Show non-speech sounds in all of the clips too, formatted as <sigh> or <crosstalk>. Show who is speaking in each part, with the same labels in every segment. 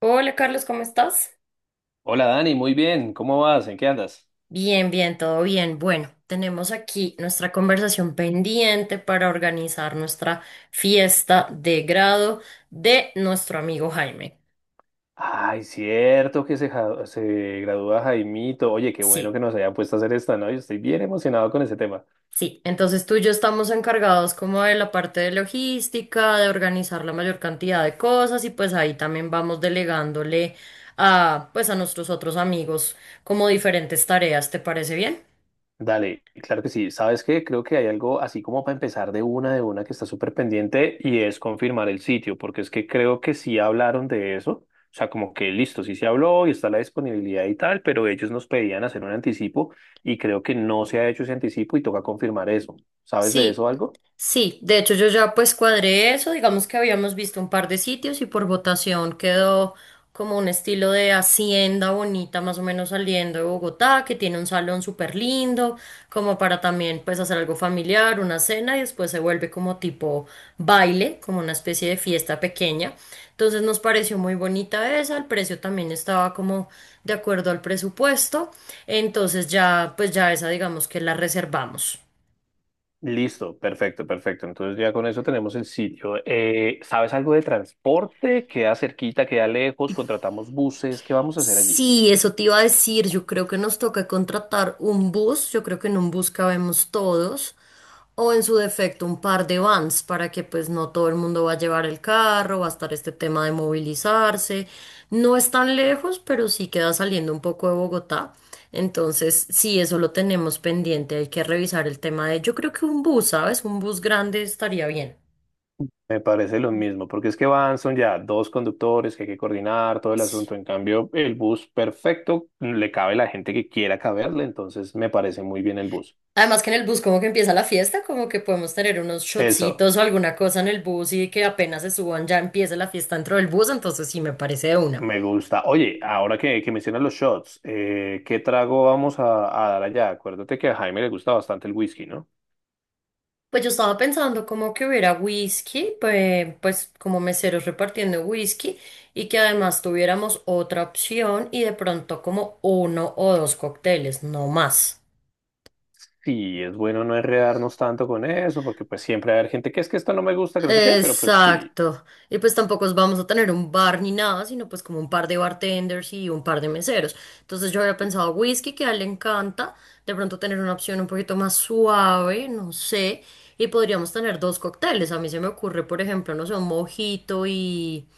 Speaker 1: Hola Carlos, ¿cómo estás?
Speaker 2: Hola Dani, muy bien, ¿cómo vas? ¿En qué andas?
Speaker 1: Bien, bien, todo bien. Bueno, tenemos aquí nuestra conversación pendiente para organizar nuestra fiesta de grado de nuestro amigo Jaime.
Speaker 2: Ay, cierto que se, ja- se gradúa Jaimito. Oye, qué bueno
Speaker 1: Sí,
Speaker 2: que nos haya puesto a hacer esta, ¿no? Yo estoy bien emocionado con ese tema.
Speaker 1: sí. Entonces tú y yo estamos encargados como de la parte de logística, de organizar la mayor cantidad de cosas y pues ahí también vamos delegándole a pues a nuestros otros amigos como diferentes tareas. ¿Te parece bien?
Speaker 2: Dale, claro que sí. ¿Sabes qué? Creo que hay algo así como para empezar de una que está súper pendiente y es confirmar el sitio, porque es que creo que sí hablaron de eso. O sea, como que listo, sí se habló y está la disponibilidad y tal, pero ellos nos pedían hacer un anticipo y creo que no se ha hecho ese anticipo y toca confirmar eso. ¿Sabes de eso
Speaker 1: Sí,
Speaker 2: algo?
Speaker 1: sí, de hecho yo ya pues cuadré eso, digamos que habíamos visto un par de sitios y por votación quedó como un estilo de hacienda bonita más o menos saliendo de Bogotá, que tiene un salón súper lindo, como para también pues hacer algo familiar, una cena y después se vuelve como tipo baile, como una especie de fiesta pequeña. Entonces nos pareció muy bonita esa, el precio también estaba como de acuerdo al presupuesto, entonces ya pues ya esa digamos que la reservamos.
Speaker 2: Listo, perfecto, perfecto. Entonces ya con eso tenemos el sitio. ¿Sabes algo de transporte? ¿Queda cerquita, queda lejos? ¿Contratamos buses? ¿Qué vamos a hacer allí?
Speaker 1: Sí, eso te iba a decir. Yo creo que nos toca contratar un bus. Yo creo que en un bus cabemos todos. O en su defecto un par de vans para que pues no todo el mundo va a llevar el carro, va a estar este tema de movilizarse. No es tan lejos, pero sí queda saliendo un poco de Bogotá. Entonces, sí, eso lo tenemos pendiente. Hay que revisar el tema de, yo creo que un bus, ¿sabes? Un bus grande estaría bien.
Speaker 2: Me parece lo mismo, porque es que van, son ya dos conductores que hay que coordinar todo el
Speaker 1: Sí.
Speaker 2: asunto. En cambio, el bus perfecto le cabe la gente que quiera caberle, entonces me parece muy bien el bus.
Speaker 1: Además que en el bus como que empieza la fiesta, como que podemos tener unos
Speaker 2: Eso,
Speaker 1: shotcitos o alguna cosa en el bus y que apenas se suban ya empieza la fiesta dentro del bus, entonces sí me parece de una.
Speaker 2: me gusta. Oye, ahora que mencionas los shots, ¿qué trago vamos a dar allá? Acuérdate que a Jaime le gusta bastante el whisky, ¿no?
Speaker 1: Pues yo estaba pensando como que hubiera whisky, pues, pues como meseros repartiendo whisky y que además tuviéramos otra opción y de pronto como uno o dos cócteles, no más.
Speaker 2: Sí, es bueno no enredarnos tanto con eso, porque pues siempre va a haber gente que es que esto no me gusta, que no sé qué, pero pues sí.
Speaker 1: Exacto. Y pues tampoco os vamos a tener un bar ni nada, sino pues como un par de bartenders y un par de meseros. Entonces yo había pensado whisky, que a él le encanta, de pronto tener una opción un poquito más suave, no sé, y podríamos tener dos cócteles. A mí se me ocurre, por ejemplo, no sé, un mojito y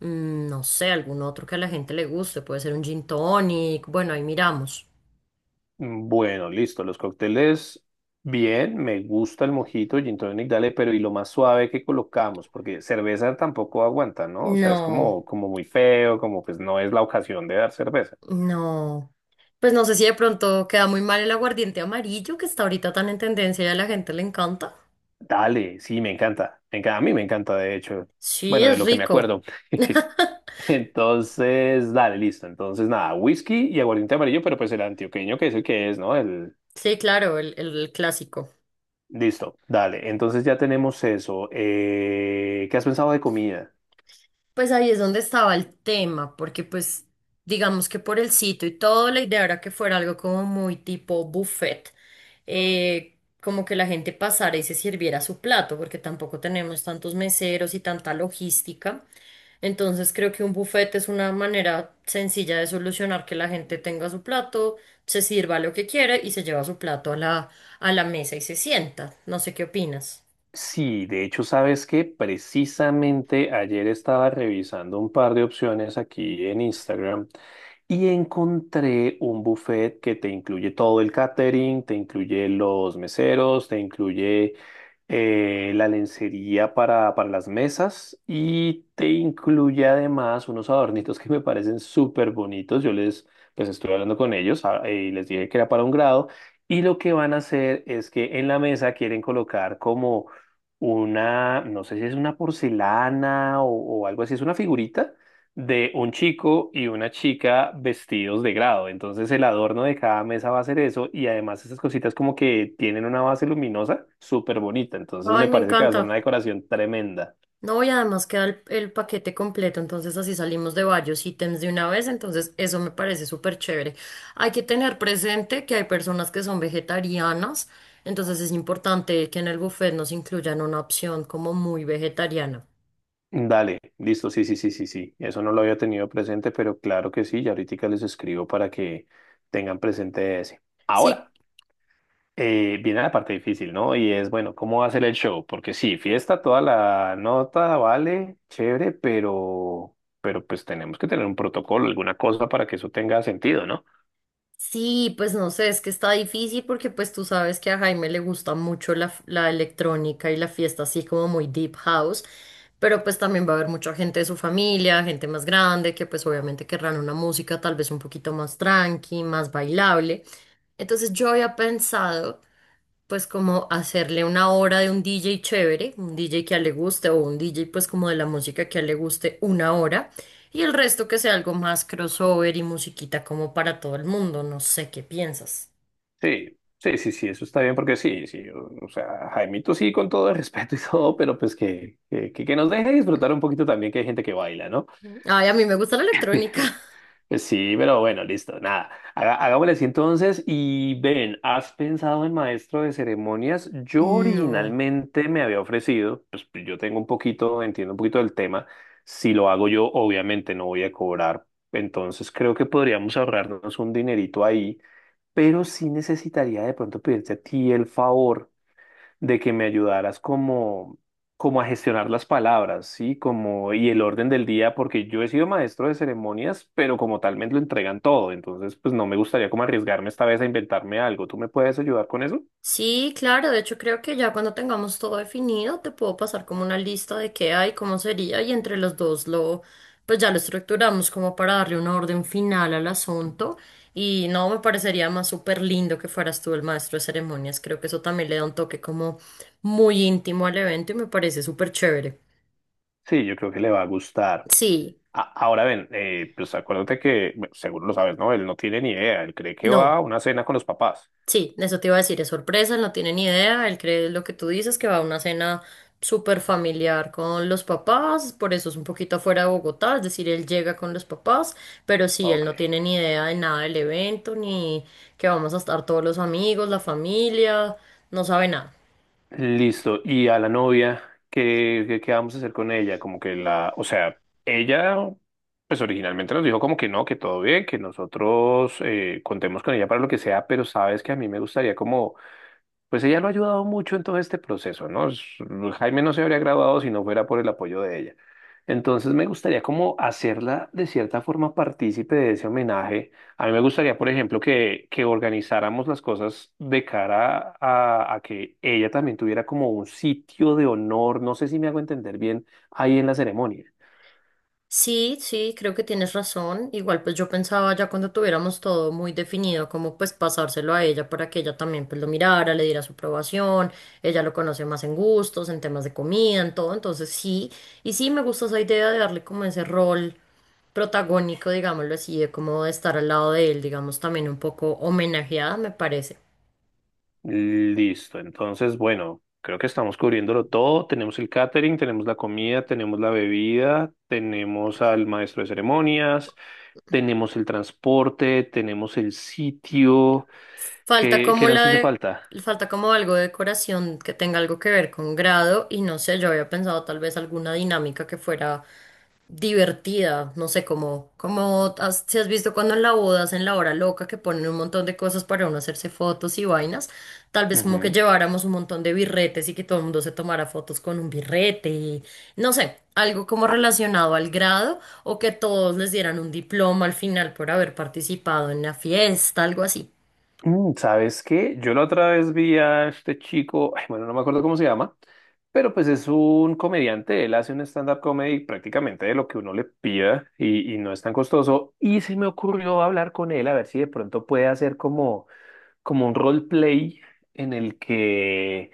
Speaker 1: no sé, algún otro que a la gente le guste, puede ser un gin tonic, bueno, ahí miramos.
Speaker 2: Bueno, listo. Los cócteles, bien, me gusta el mojito, gin tonic, dale, pero y lo más suave que colocamos, porque cerveza tampoco aguanta, ¿no? O sea, es
Speaker 1: No.
Speaker 2: como, como muy feo, como pues no es la ocasión de dar cerveza.
Speaker 1: No, pues no sé si de pronto queda muy mal el aguardiente amarillo que está ahorita tan en tendencia y a la gente le encanta.
Speaker 2: Dale, sí, me encanta. Me encanta, a mí me encanta, de hecho.
Speaker 1: Sí,
Speaker 2: Bueno, de
Speaker 1: es
Speaker 2: lo que me
Speaker 1: rico.
Speaker 2: acuerdo. <laughs>
Speaker 1: <laughs>
Speaker 2: Entonces, dale, listo. Entonces, nada, whisky y aguardiente amarillo, pero pues el antioqueño, que es el que es, ¿no? El...
Speaker 1: Sí, claro, el clásico.
Speaker 2: Listo, dale. Entonces ya tenemos eso. ¿Qué has pensado de comida?
Speaker 1: Pues ahí es donde estaba el tema, porque pues digamos que por el sitio y todo, la idea era que fuera algo como muy tipo buffet, como que la gente pasara y se sirviera su plato, porque tampoco tenemos tantos meseros y tanta logística. Entonces creo que un buffet es una manera sencilla de solucionar que la gente tenga su plato, se sirva lo que quiere y se lleva su plato a a la mesa y se sienta. No sé qué opinas.
Speaker 2: Sí, de hecho, sabes que precisamente ayer estaba revisando un par de opciones aquí en Instagram y encontré un buffet que te incluye todo el catering, te incluye los meseros, te incluye la lencería para las mesas y te incluye además unos adornitos que me parecen súper bonitos. Yo les, pues estuve hablando con ellos ah, y les dije que era para un grado y lo que van a hacer es que en la mesa quieren colocar como una, no sé si es una porcelana o algo así, es una figurita de un chico y una chica vestidos de grado. Entonces el adorno de cada mesa va a ser eso y además esas cositas como que tienen una base luminosa súper bonita. Entonces
Speaker 1: Ay,
Speaker 2: me
Speaker 1: me
Speaker 2: parece que va a ser una
Speaker 1: encanta.
Speaker 2: decoración tremenda.
Speaker 1: No, y además queda el paquete completo, entonces así salimos de varios ítems de una vez, entonces eso me parece súper chévere. Hay que tener presente que hay personas que son vegetarianas, entonces es importante que en el buffet nos incluyan una opción como muy vegetariana.
Speaker 2: Dale, listo, sí, sí, sí, sí, sí. Eso no lo había tenido presente, pero claro que sí, ya ahorita les escribo para que tengan presente ese. Ahora.
Speaker 1: Sí,
Speaker 2: Viene la parte difícil, ¿no? Y es, bueno, ¿cómo va a ser el show? Porque sí, fiesta toda la nota, vale, chévere, pero pues tenemos que tener un protocolo, alguna cosa para que eso tenga sentido, ¿no?
Speaker 1: sí, pues no sé, es que está difícil porque pues tú sabes que a Jaime le gusta mucho la electrónica y la fiesta así como muy deep house, pero pues también va a haber mucha gente de su familia, gente más grande que pues obviamente querrán una música tal vez un poquito más tranqui, más bailable. Entonces yo había pensado pues como hacerle una hora de un DJ chévere, un DJ que a él le guste o un DJ pues como de la música que a él le guste una hora y el resto que sea algo más crossover y musiquita como para todo el mundo, no sé qué piensas.
Speaker 2: Sí, sí, sí, sí, eso está bien, porque sí, sí, o sea, Jaimito sí, con todo el respeto y todo, pero pues que nos deje disfrutar un poquito también que hay gente que baila, ¿no?
Speaker 1: Ay, a mí me gusta la electrónica.
Speaker 2: Pues sí, pero bueno, listo, nada. Hagámosle así entonces. Y ven, ¿has pensado en maestro de ceremonias?
Speaker 1: <laughs>
Speaker 2: Yo
Speaker 1: No.
Speaker 2: originalmente me había ofrecido, pues yo tengo un poquito, entiendo un poquito del tema. Si lo hago yo, obviamente no voy a cobrar. Entonces creo que podríamos ahorrarnos un dinerito ahí, pero sí necesitaría de pronto pedirte a ti el favor de que me ayudaras como a gestionar las palabras, ¿sí? Como, y el orden del día, porque yo he sido maestro de ceremonias, pero como tal me lo entregan todo, entonces pues no me gustaría como arriesgarme esta vez a inventarme algo. ¿Tú me puedes ayudar con eso?
Speaker 1: Sí, claro, de hecho creo que ya cuando tengamos todo definido te puedo pasar como una lista de qué hay, cómo sería y entre los dos lo pues ya lo estructuramos como para darle una orden final al asunto y no me parecería más súper lindo que fueras tú el maestro de ceremonias, creo que eso también le da un toque como muy íntimo al evento y me parece súper chévere.
Speaker 2: Sí, yo creo que le va a gustar.
Speaker 1: Sí,
Speaker 2: Ahora ven, pues acuérdate que, bueno, seguro lo sabes, ¿no? Él no tiene ni idea, él cree que va a
Speaker 1: no.
Speaker 2: una cena con los papás.
Speaker 1: Sí, eso te iba a decir, es sorpresa, él no tiene ni idea, él cree lo que tú dices, que va a una cena súper familiar con los papás, por eso es un poquito afuera de Bogotá, es decir, él llega con los papás, pero sí, él
Speaker 2: Ok.
Speaker 1: no tiene ni idea de nada del evento, ni que vamos a estar todos los amigos, la familia, no sabe nada.
Speaker 2: Listo. ¿Y a la novia? ¿Qué vamos a hacer con ella? Como que la, o sea, ella, pues originalmente nos dijo como que no, que todo bien, que nosotros contemos con ella para lo que sea, pero sabes que a mí me gustaría como pues ella lo ha ayudado mucho en todo este proceso, ¿no? Es- Jaime no se habría graduado si no fuera por el apoyo de ella. Entonces me gustaría como hacerla de cierta forma partícipe de ese homenaje. A mí me gustaría, por ejemplo, que organizáramos las cosas de cara a que ella también tuviera como un sitio de honor, no sé si me hago entender bien, ahí en la ceremonia.
Speaker 1: Sí, sí, creo que tienes razón. Igual pues yo pensaba ya cuando tuviéramos todo muy definido, como pues pasárselo a ella para que ella también pues lo mirara, le diera su aprobación, ella lo conoce más en gustos, en temas de comida, en todo, entonces sí, y sí me gusta esa idea de darle como ese rol protagónico, digámoslo así, de como de estar al lado de él, digamos también un poco homenajeada, me parece.
Speaker 2: Listo, entonces, bueno, creo que estamos cubriéndolo todo. Tenemos el catering, tenemos la comida, tenemos la bebida, tenemos al maestro de ceremonias, tenemos el transporte, tenemos el sitio.
Speaker 1: Falta
Speaker 2: ¿Qué
Speaker 1: como la
Speaker 2: nos hace
Speaker 1: de,
Speaker 2: falta?
Speaker 1: falta como algo de decoración que tenga algo que ver con grado y no sé, yo había pensado tal vez alguna dinámica que fuera divertida, no sé, como, como has- si has visto cuando en la boda hacen la hora loca que ponen un montón de cosas para uno hacerse fotos y vainas, tal vez como que
Speaker 2: Ujú.
Speaker 1: lleváramos un montón de birretes y que todo el mundo se tomara fotos con un birrete y no sé, algo como relacionado al grado o que todos les dieran un diploma al final por haber participado en la fiesta, algo así.
Speaker 2: ¿Sabes qué? Yo la otra vez vi a este chico, ay, bueno, no me acuerdo cómo se llama, pero pues es un comediante, él hace un stand-up comedy prácticamente de lo que uno le pida y no es tan costoso. Y se me ocurrió hablar con él a ver si de pronto puede hacer como un roleplay en el que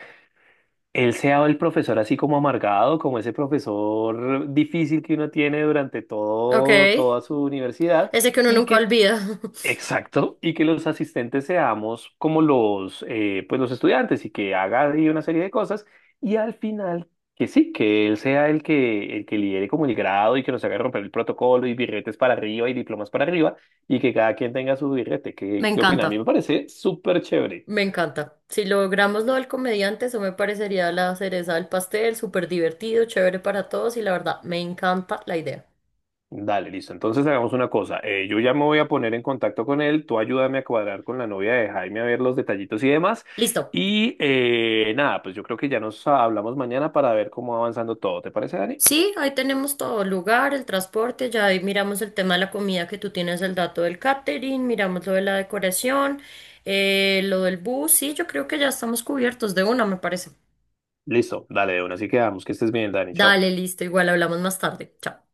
Speaker 2: él sea el profesor así como amargado, como ese profesor difícil que uno tiene durante
Speaker 1: Ok,
Speaker 2: todo, toda su universidad
Speaker 1: ese que uno
Speaker 2: y
Speaker 1: nunca
Speaker 2: que
Speaker 1: olvida. <laughs>
Speaker 2: exacto, y que los asistentes seamos como los, pues los estudiantes y que haga ahí una serie de cosas y al final que sí, que él sea el que lidere como el grado y que nos haga romper el protocolo y birretes para arriba y diplomas para arriba y que cada quien tenga su birrete.
Speaker 1: Me
Speaker 2: ¿Qué opina? A mí me
Speaker 1: encanta,
Speaker 2: parece súper chévere.
Speaker 1: me encanta. Si logramos lo del comediante, eso me parecería la cereza del pastel, súper divertido, chévere para todos y la verdad, me encanta la idea.
Speaker 2: Dale, listo. Entonces hagamos una cosa. Yo ya me voy a poner en contacto con él. Tú ayúdame a cuadrar con la novia de Jaime a ver los detallitos y demás.
Speaker 1: Listo.
Speaker 2: Y nada, pues yo creo que ya nos hablamos mañana para ver cómo va avanzando todo. ¿Te parece, Dani?
Speaker 1: Sí, ahí tenemos todo, el lugar, el transporte, ya ahí miramos el tema de la comida que tú tienes el dato del catering, miramos lo de la decoración, lo del bus, sí, yo creo que ya estamos cubiertos de una, me parece.
Speaker 2: Listo, dale de una. Así quedamos. Que estés bien, Dani. Chao.
Speaker 1: Dale, listo, igual hablamos más tarde. Chao.